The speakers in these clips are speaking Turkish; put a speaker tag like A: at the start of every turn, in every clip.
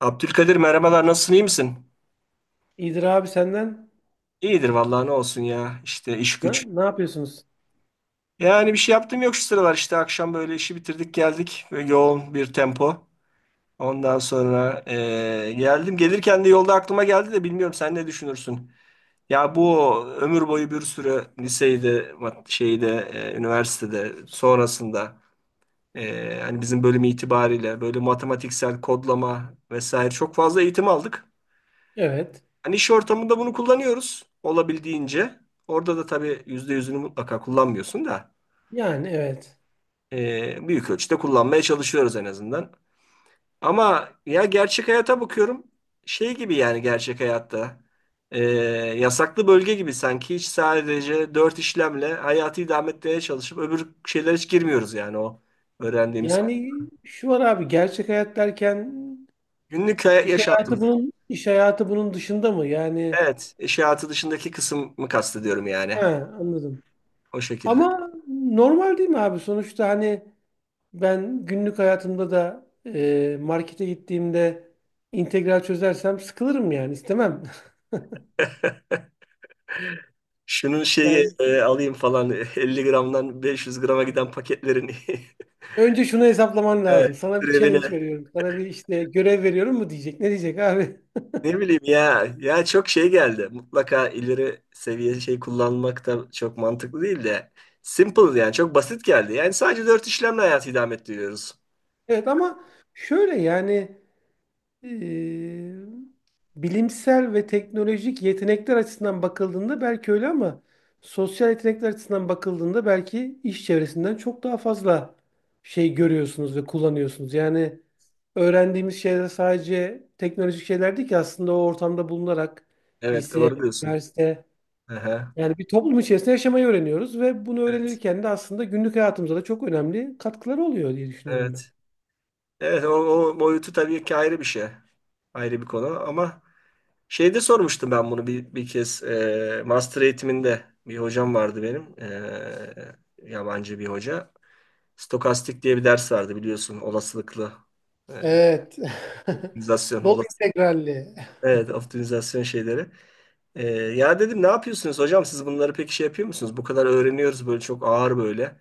A: Abdülkadir merhabalar, nasılsın, iyi misin?
B: İyidir abi senden.
A: İyidir vallahi, ne olsun ya, işte iş
B: Ne,
A: güç.
B: ne yapıyorsunuz?
A: Yani bir şey yaptım yok şu sıralar, işte akşam böyle işi bitirdik geldik, böyle yoğun bir tempo. Ondan sonra geldim, gelirken de yolda aklıma geldi de, bilmiyorum sen ne düşünürsün? Ya bu ömür boyu bir sürü liseyde şeyde üniversitede, sonrasında hani bizim bölüm itibariyle böyle matematiksel kodlama vesaire çok fazla eğitim aldık.
B: Evet.
A: Hani iş ortamında bunu kullanıyoruz olabildiğince. Orada da tabii yüzde yüzünü mutlaka kullanmıyorsun da
B: Yani evet.
A: büyük ölçüde kullanmaya çalışıyoruz en azından. Ama ya gerçek hayata bakıyorum, şey gibi yani, gerçek hayatta e, yasaklı bölge gibi sanki, hiç sadece dört işlemle hayatı idame etmeye çalışıp öbür şeylere hiç girmiyoruz yani, o öğrendiğimiz.
B: Yani şu var abi gerçek hayat derken iş hayatı
A: Yaşantımız.
B: bunun iş hayatı bunun dışında mı? Yani
A: Evet, iş hayatı dışındaki kısmı kastediyorum yani.
B: he anladım.
A: O şekilde.
B: Ama normal değil mi abi? Sonuçta hani ben günlük hayatımda da markete gittiğimde integral çözersem sıkılırım yani istemem.
A: Şunun şeyi
B: Yani
A: alayım falan 50 gramdan 500 grama giden paketlerin
B: önce şunu hesaplaman
A: Evet,
B: lazım. Sana bir
A: türevine,
B: challenge veriyorum. Sana bir işte görev veriyorum mu diyecek. Ne diyecek abi?
A: ne bileyim ya, çok şey geldi. Mutlaka ileri seviye şey kullanmak da çok mantıklı değil de, simple yani, çok basit geldi. Yani sadece dört işlemle hayatı idame ettiriyoruz.
B: Evet ama şöyle yani eee, bilimsel ve teknolojik yetenekler açısından bakıldığında belki öyle ama sosyal yetenekler açısından bakıldığında belki iş çevresinden çok daha fazla şey görüyorsunuz ve kullanıyorsunuz. Yani öğrendiğimiz şeyler sadece teknolojik şeyler değil ki aslında o ortamda bulunarak
A: Evet,
B: lise,
A: doğru diyorsun.
B: üniversite
A: Aha,
B: yani bir toplum içerisinde yaşamayı öğreniyoruz ve bunu
A: evet.
B: öğrenirken de aslında günlük hayatımıza da çok önemli katkıları oluyor diye düşünüyorum ben.
A: Evet. Evet o, o boyutu tabii ki ayrı bir şey. Ayrı bir konu ama şeyde sormuştum ben bunu bir kez, master eğitiminde bir hocam vardı benim. E, yabancı bir hoca. Stokastik diye bir ders vardı biliyorsun, olasılıklı e,
B: Evet.
A: optimizasyon,
B: Bol
A: olası,
B: integralli.
A: evet optimizasyon şeyleri. Ya dedim, ne yapıyorsunuz hocam, siz bunları pek şey yapıyor musunuz? Bu kadar öğreniyoruz böyle, çok ağır böyle.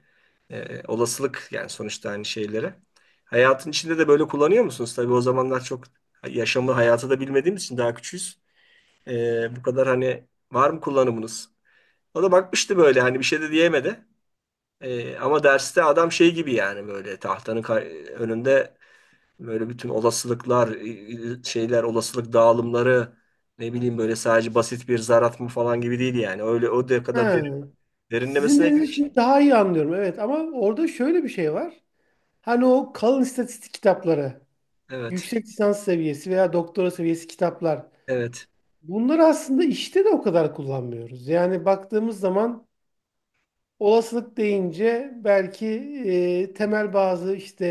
A: Olasılık yani sonuçta, aynı şeylere. Hayatın içinde de böyle kullanıyor musunuz? Tabii o zamanlar çok yaşamı hayatı da bilmediğimiz için, daha küçüğüz. Bu kadar hani var mı kullanımınız? O da bakmıştı böyle, hani bir şey de diyemedi. Ama derste adam şey gibi yani, böyle tahtanın önünde, böyle bütün olasılıklar, şeyler, olasılık dağılımları, ne bileyim, böyle sadece basit bir zar atma falan gibi değil yani. Öyle o da kadar
B: Ha. Sizin
A: derinlemesine
B: dediğinizi
A: girmiş.
B: şimdi daha iyi anlıyorum. Evet ama orada şöyle bir şey var. Hani o kalın istatistik kitapları,
A: Evet.
B: yüksek lisans seviyesi veya doktora seviyesi kitaplar.
A: Evet.
B: Bunları aslında işte de o kadar kullanmıyoruz. Yani baktığımız zaman olasılık deyince belki temel bazı işte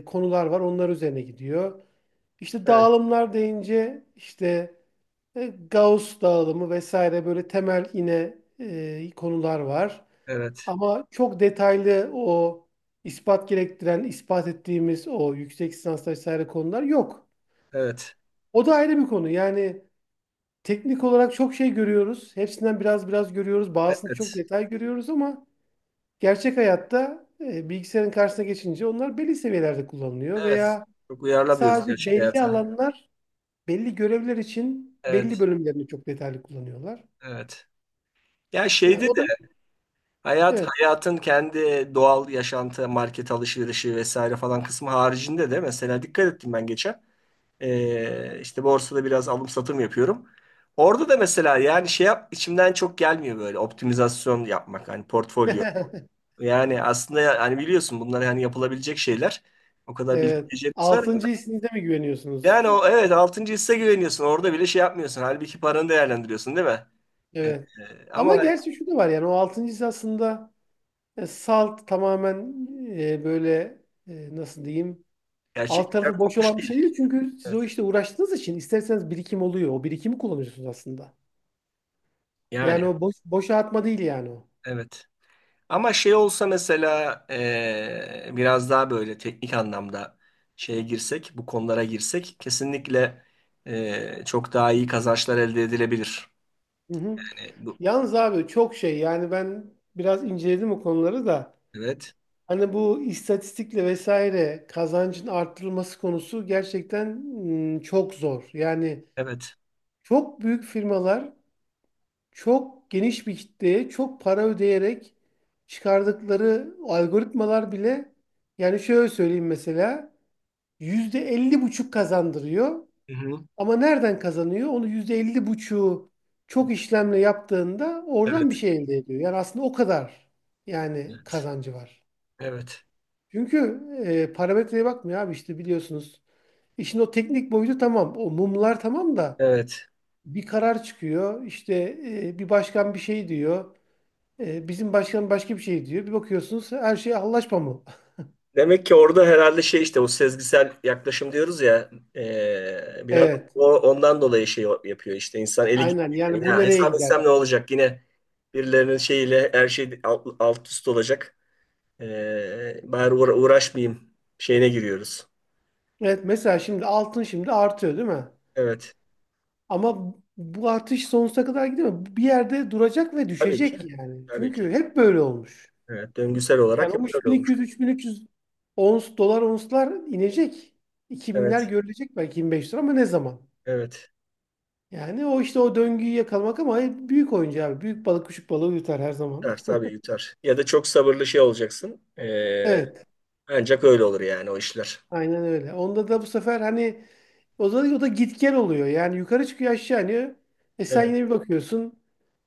B: konular var. Onlar üzerine gidiyor. İşte
A: Evet.
B: dağılımlar deyince işte Gauss dağılımı vesaire böyle temel yine konular var.
A: Evet.
B: Ama çok detaylı o ispat gerektiren, ispat ettiğimiz o yüksek lisans vesaire konular yok.
A: Evet.
B: O da ayrı bir konu. Yani teknik olarak çok şey görüyoruz. Hepsinden biraz biraz görüyoruz. Bazısını çok
A: Evet.
B: detay görüyoruz ama gerçek hayatta bilgisayarın karşısına geçince onlar belli seviyelerde kullanılıyor
A: Evet.
B: veya
A: Çok uyarlamıyoruz
B: sadece
A: gerçek
B: belli
A: hayata.
B: alanlar, belli görevler için belli
A: Evet.
B: bölümlerini çok detaylı kullanıyorlar.
A: Evet. Ya
B: Yani
A: şeyde
B: o da
A: de
B: evet.
A: hayatın kendi doğal yaşantı, market alışverişi vesaire falan kısmı haricinde de mesela, dikkat ettim ben geçen. İşte borsada biraz alım satım yapıyorum. Orada da mesela yani şey yap, içimden çok gelmiyor böyle optimizasyon yapmak, hani portfolyo. Yani aslında ya- hani biliyorsun bunlar yani yapılabilecek şeyler. O kadar
B: Evet.
A: bilgilerimiz var mı?
B: Altıncı hissinize mi güveniyorsunuz?
A: Yani o, evet altıncı hisse güveniyorsun. Orada bile şey yapmıyorsun. Halbuki paranı değerlendiriyorsun değil mi? Ee,
B: Evet. Ama
A: Ama
B: gerçi şu da var yani o altıncı his aslında salt tamamen böyle nasıl diyeyim alt
A: gerçekten
B: tarafı boş
A: kopmuş
B: olan bir şey
A: değil.
B: değil. Çünkü siz o
A: Evet.
B: işte uğraştığınız için isterseniz birikim oluyor. O birikimi kullanıyorsunuz aslında.
A: Yani
B: Yani o boşa atma değil yani o.
A: evet. Ama şey olsa mesela biraz daha böyle teknik anlamda şeye girsek, bu konulara girsek kesinlikle çok daha iyi kazançlar elde edilebilir.
B: Hı hı.
A: Yani bu,
B: Yalnız abi çok şey yani ben biraz inceledim o konuları da.
A: evet,
B: Hani bu istatistikle vesaire kazancın arttırılması konusu gerçekten çok zor. Yani
A: evet,
B: çok büyük firmalar çok geniş bir kitleye çok para ödeyerek çıkardıkları algoritmalar bile yani şöyle söyleyeyim mesela yüzde elli buçuk kazandırıyor
A: hı-hı,
B: ama nereden kazanıyor? Onu yüzde elli buçuğu çok işlemle yaptığında oradan bir
A: evet,
B: şey elde ediyor. Yani aslında o kadar yani
A: evet,
B: kazancı var.
A: evet,
B: Çünkü parametreye bakmıyor abi işte biliyorsunuz. İşin o teknik boyutu tamam. O mumlar tamam da
A: evet.
B: bir karar çıkıyor. İşte bir başkan bir şey diyor. E, bizim başkan başka bir şey diyor. Bir bakıyorsunuz her şey anlaşma mı?
A: Demek ki orada herhalde şey, işte o sezgisel yaklaşım diyoruz ya, biraz
B: Evet.
A: o, ondan dolayı şey yapıyor, işte insan eli gidiyor.
B: Aynen
A: Yani,
B: yani bu
A: ya
B: nereye
A: hesap
B: gider?
A: etsem ne olacak, yine birilerinin şeyiyle her şey alt üst olacak. Bari uğraşmayayım şeyine giriyoruz.
B: Evet mesela şimdi altın şimdi artıyor değil mi?
A: Evet.
B: Ama bu artış sonsuza kadar gidemez. Bir yerde duracak ve
A: Tabii ki.
B: düşecek yani.
A: Tabii ki.
B: Çünkü hep böyle olmuş.
A: Evet. Döngüsel olarak
B: Yani
A: hep
B: o
A: böyle olmuş.
B: 3200-3300 ons, dolar onslar inecek. 2000'ler
A: Evet.
B: görülecek belki 25 lira ama ne zaman?
A: Evet.
B: Yani o işte o döngüyü yakalamak ama büyük oyuncu abi. Büyük balık küçük balığı yutar her zaman.
A: Yutar, tabii yutar. Ya da çok sabırlı şey olacaksın.
B: Evet.
A: Ancak öyle olur yani o işler.
B: Aynen öyle. Onda da bu sefer hani o da git gel oluyor. Yani yukarı çıkıyor aşağı iniyor. E sen
A: Evet.
B: yine bir bakıyorsun.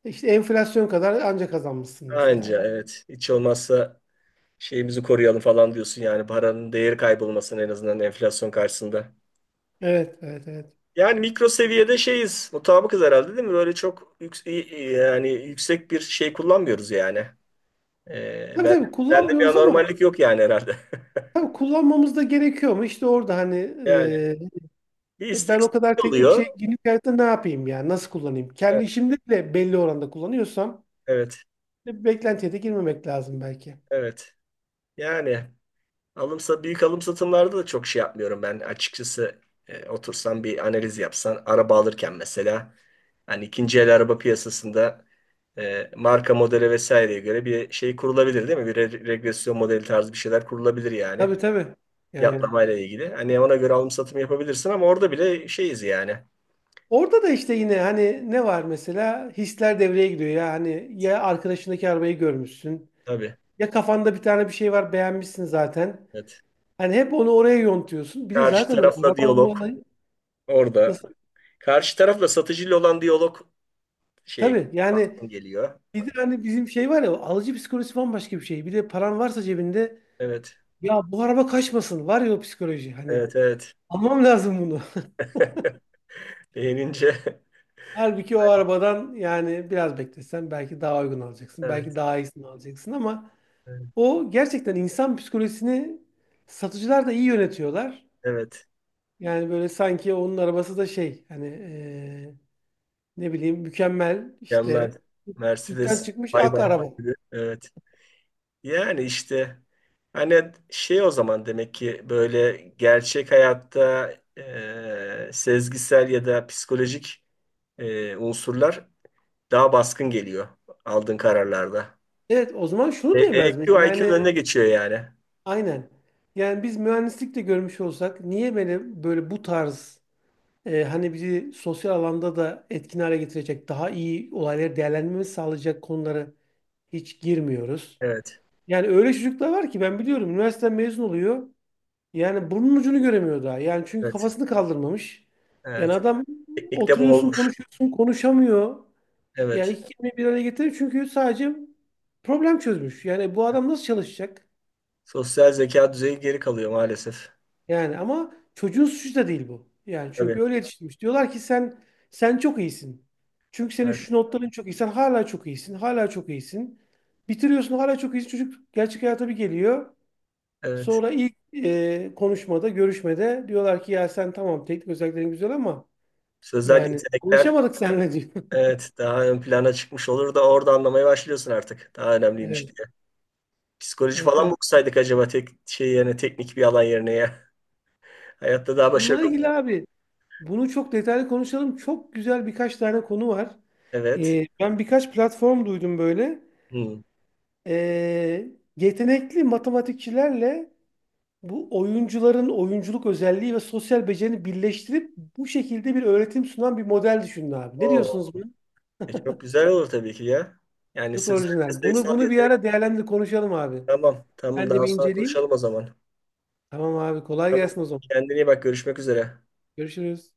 B: E işte enflasyon kadar anca kazanmışsın mesela.
A: Anca, evet. Hiç olmazsa şeyimizi koruyalım falan diyorsun yani, paranın değeri kaybolmasın en azından enflasyon karşısında.
B: Evet, evet, evet.
A: Yani mikro seviyede şeyiz. Mutabıkız herhalde değil mi? Yani yüksek bir şey kullanmıyoruz yani. Ee,
B: Tabii
A: ben,
B: tabii
A: Bende bir
B: kullanmıyoruz ama
A: anormallik yok yani herhalde.
B: tabii kullanmamız da gerekiyor mu? İşte orada hani
A: Yani bir
B: Ben o kadar
A: isteksizlik
B: teknik
A: oluyor.
B: şey günlük hayatta ne yapayım yani? Nasıl kullanayım? Kendi
A: Evet,
B: işimde bile belli oranda kullanıyorsam
A: evet.
B: beklentiye de girmemek lazım belki.
A: Evet. Yani alımsa büyük alım satımlarda da çok şey yapmıyorum ben açıkçası. E, otursan bir analiz yapsan, araba alırken mesela, hani ikinci el araba piyasasında marka modele vesaireye göre bir şey kurulabilir değil mi? Bir regresyon modeli tarzı bir şeyler kurulabilir yani.
B: Tabii tabii. Yani.
A: Fiyatlamayla ilgili. Hani ona göre alım satım yapabilirsin ama orada bile şeyiz yani.
B: Orada da işte yine hani ne var mesela? Hisler devreye giriyor ya. Hani ya arkadaşındaki arabayı görmüşsün.
A: Tabii.
B: Ya kafanda bir tane bir şey var beğenmişsin zaten.
A: Evet.
B: Hani hep onu oraya yontuyorsun. Bir de
A: Karşı
B: zaten o araba
A: tarafla
B: alma
A: diyalog
B: olayı
A: orada.
B: nasıl?
A: Karşı tarafla, satıcıyla olan diyalog şey,
B: Tabii yani
A: baktım geliyor.
B: bir de hani bizim şey var ya alıcı psikolojisi bambaşka bir şey. Bir de paran varsa cebinde.
A: Evet.
B: Ya bu araba kaçmasın. Var ya o psikoloji hani.
A: Evet, evet.
B: Almam lazım bunu.
A: Beğenince
B: Halbuki o arabadan yani biraz beklesen belki daha uygun alacaksın. Belki
A: evet.
B: daha iyisini alacaksın ama
A: Evet.
B: o gerçekten insan psikolojisini satıcılar da iyi yönetiyorlar.
A: Evet.
B: Yani böyle sanki onun arabası da şey hani ne bileyim mükemmel
A: Mükemmel.
B: işte sütten
A: Mercedes
B: çıkmış
A: bay
B: ak
A: bay.
B: araba.
A: Evet. Yani işte hani şey, o zaman demek ki böyle gerçek hayatta sezgisel ya da psikolojik unsurlar daha baskın geliyor aldığın kararlarda.
B: Evet o zaman şunu diyemez miyiz?
A: EQ IQ'nun
B: Yani
A: önüne geçiyor yani.
B: aynen. Yani biz mühendislik de görmüş olsak niye böyle bu tarz hani bizi sosyal alanda da etkin hale getirecek, daha iyi olayları değerlendirmemizi sağlayacak konulara hiç girmiyoruz.
A: Evet.
B: Yani öyle çocuklar var ki ben biliyorum üniversiteden mezun oluyor. Yani burnun ucunu göremiyor daha. Yani çünkü
A: Evet.
B: kafasını kaldırmamış. Yani
A: Evet.
B: adam
A: Teknikte bu
B: oturuyorsun
A: olmuş.
B: konuşuyorsun konuşamıyor. Yani
A: Evet.
B: iki kelimeyi bir araya getirir çünkü sadece problem çözmüş. Yani bu adam nasıl çalışacak?
A: Sosyal zeka düzeyi geri kalıyor maalesef.
B: Yani ama çocuğun suçu da değil bu. Yani
A: Tabii.
B: çünkü öyle yetiştirmiş. Diyorlar ki sen çok iyisin. Çünkü senin
A: Evet.
B: şu notların çok iyi. Sen hala çok iyisin. Hala çok iyisin. Bitiriyorsun hala çok iyisin. Çocuk gerçek hayata bir geliyor.
A: Evet.
B: Sonra ilk konuşmada, görüşmede diyorlar ki ya sen tamam teknik özelliklerin güzel ama
A: Sözel
B: yani
A: yetenekler
B: anlaşamadık seninle diyor.
A: evet, daha ön plana çıkmış olur da, orada anlamaya başlıyorsun artık. Daha önemliymiş
B: Evet,
A: diye. Psikoloji
B: evet,
A: falan mı
B: evet.
A: okusaydık acaba, tek şey yani, teknik bir alan yerine ya. Hayatta daha
B: Bununla
A: başarılı.
B: ilgili abi bunu çok detaylı konuşalım. Çok güzel birkaç tane konu var.
A: Evet.
B: E, ben birkaç platform duydum böyle.
A: Hmm.
B: Ee, yetenekli matematikçilerle bu oyuncuların oyunculuk özelliği ve sosyal becerini birleştirip bu şekilde bir öğretim sunan bir model düşünün abi. Ne
A: Oo.
B: diyorsunuz buna?
A: Çok güzel olur tabii ki ya. Yani
B: Çok
A: sözel ve
B: orijinal. Bunu
A: sayısal
B: bunu bir
A: yetenek.
B: ara değerlendir konuşalım abi.
A: Tamam. Tamam,
B: Ben de
A: daha
B: bir
A: sonra
B: inceleyeyim.
A: konuşalım o zaman.
B: Tamam abi kolay
A: Tamam.
B: gelsin o zaman.
A: Kendine iyi bak. Görüşmek üzere.
B: Görüşürüz.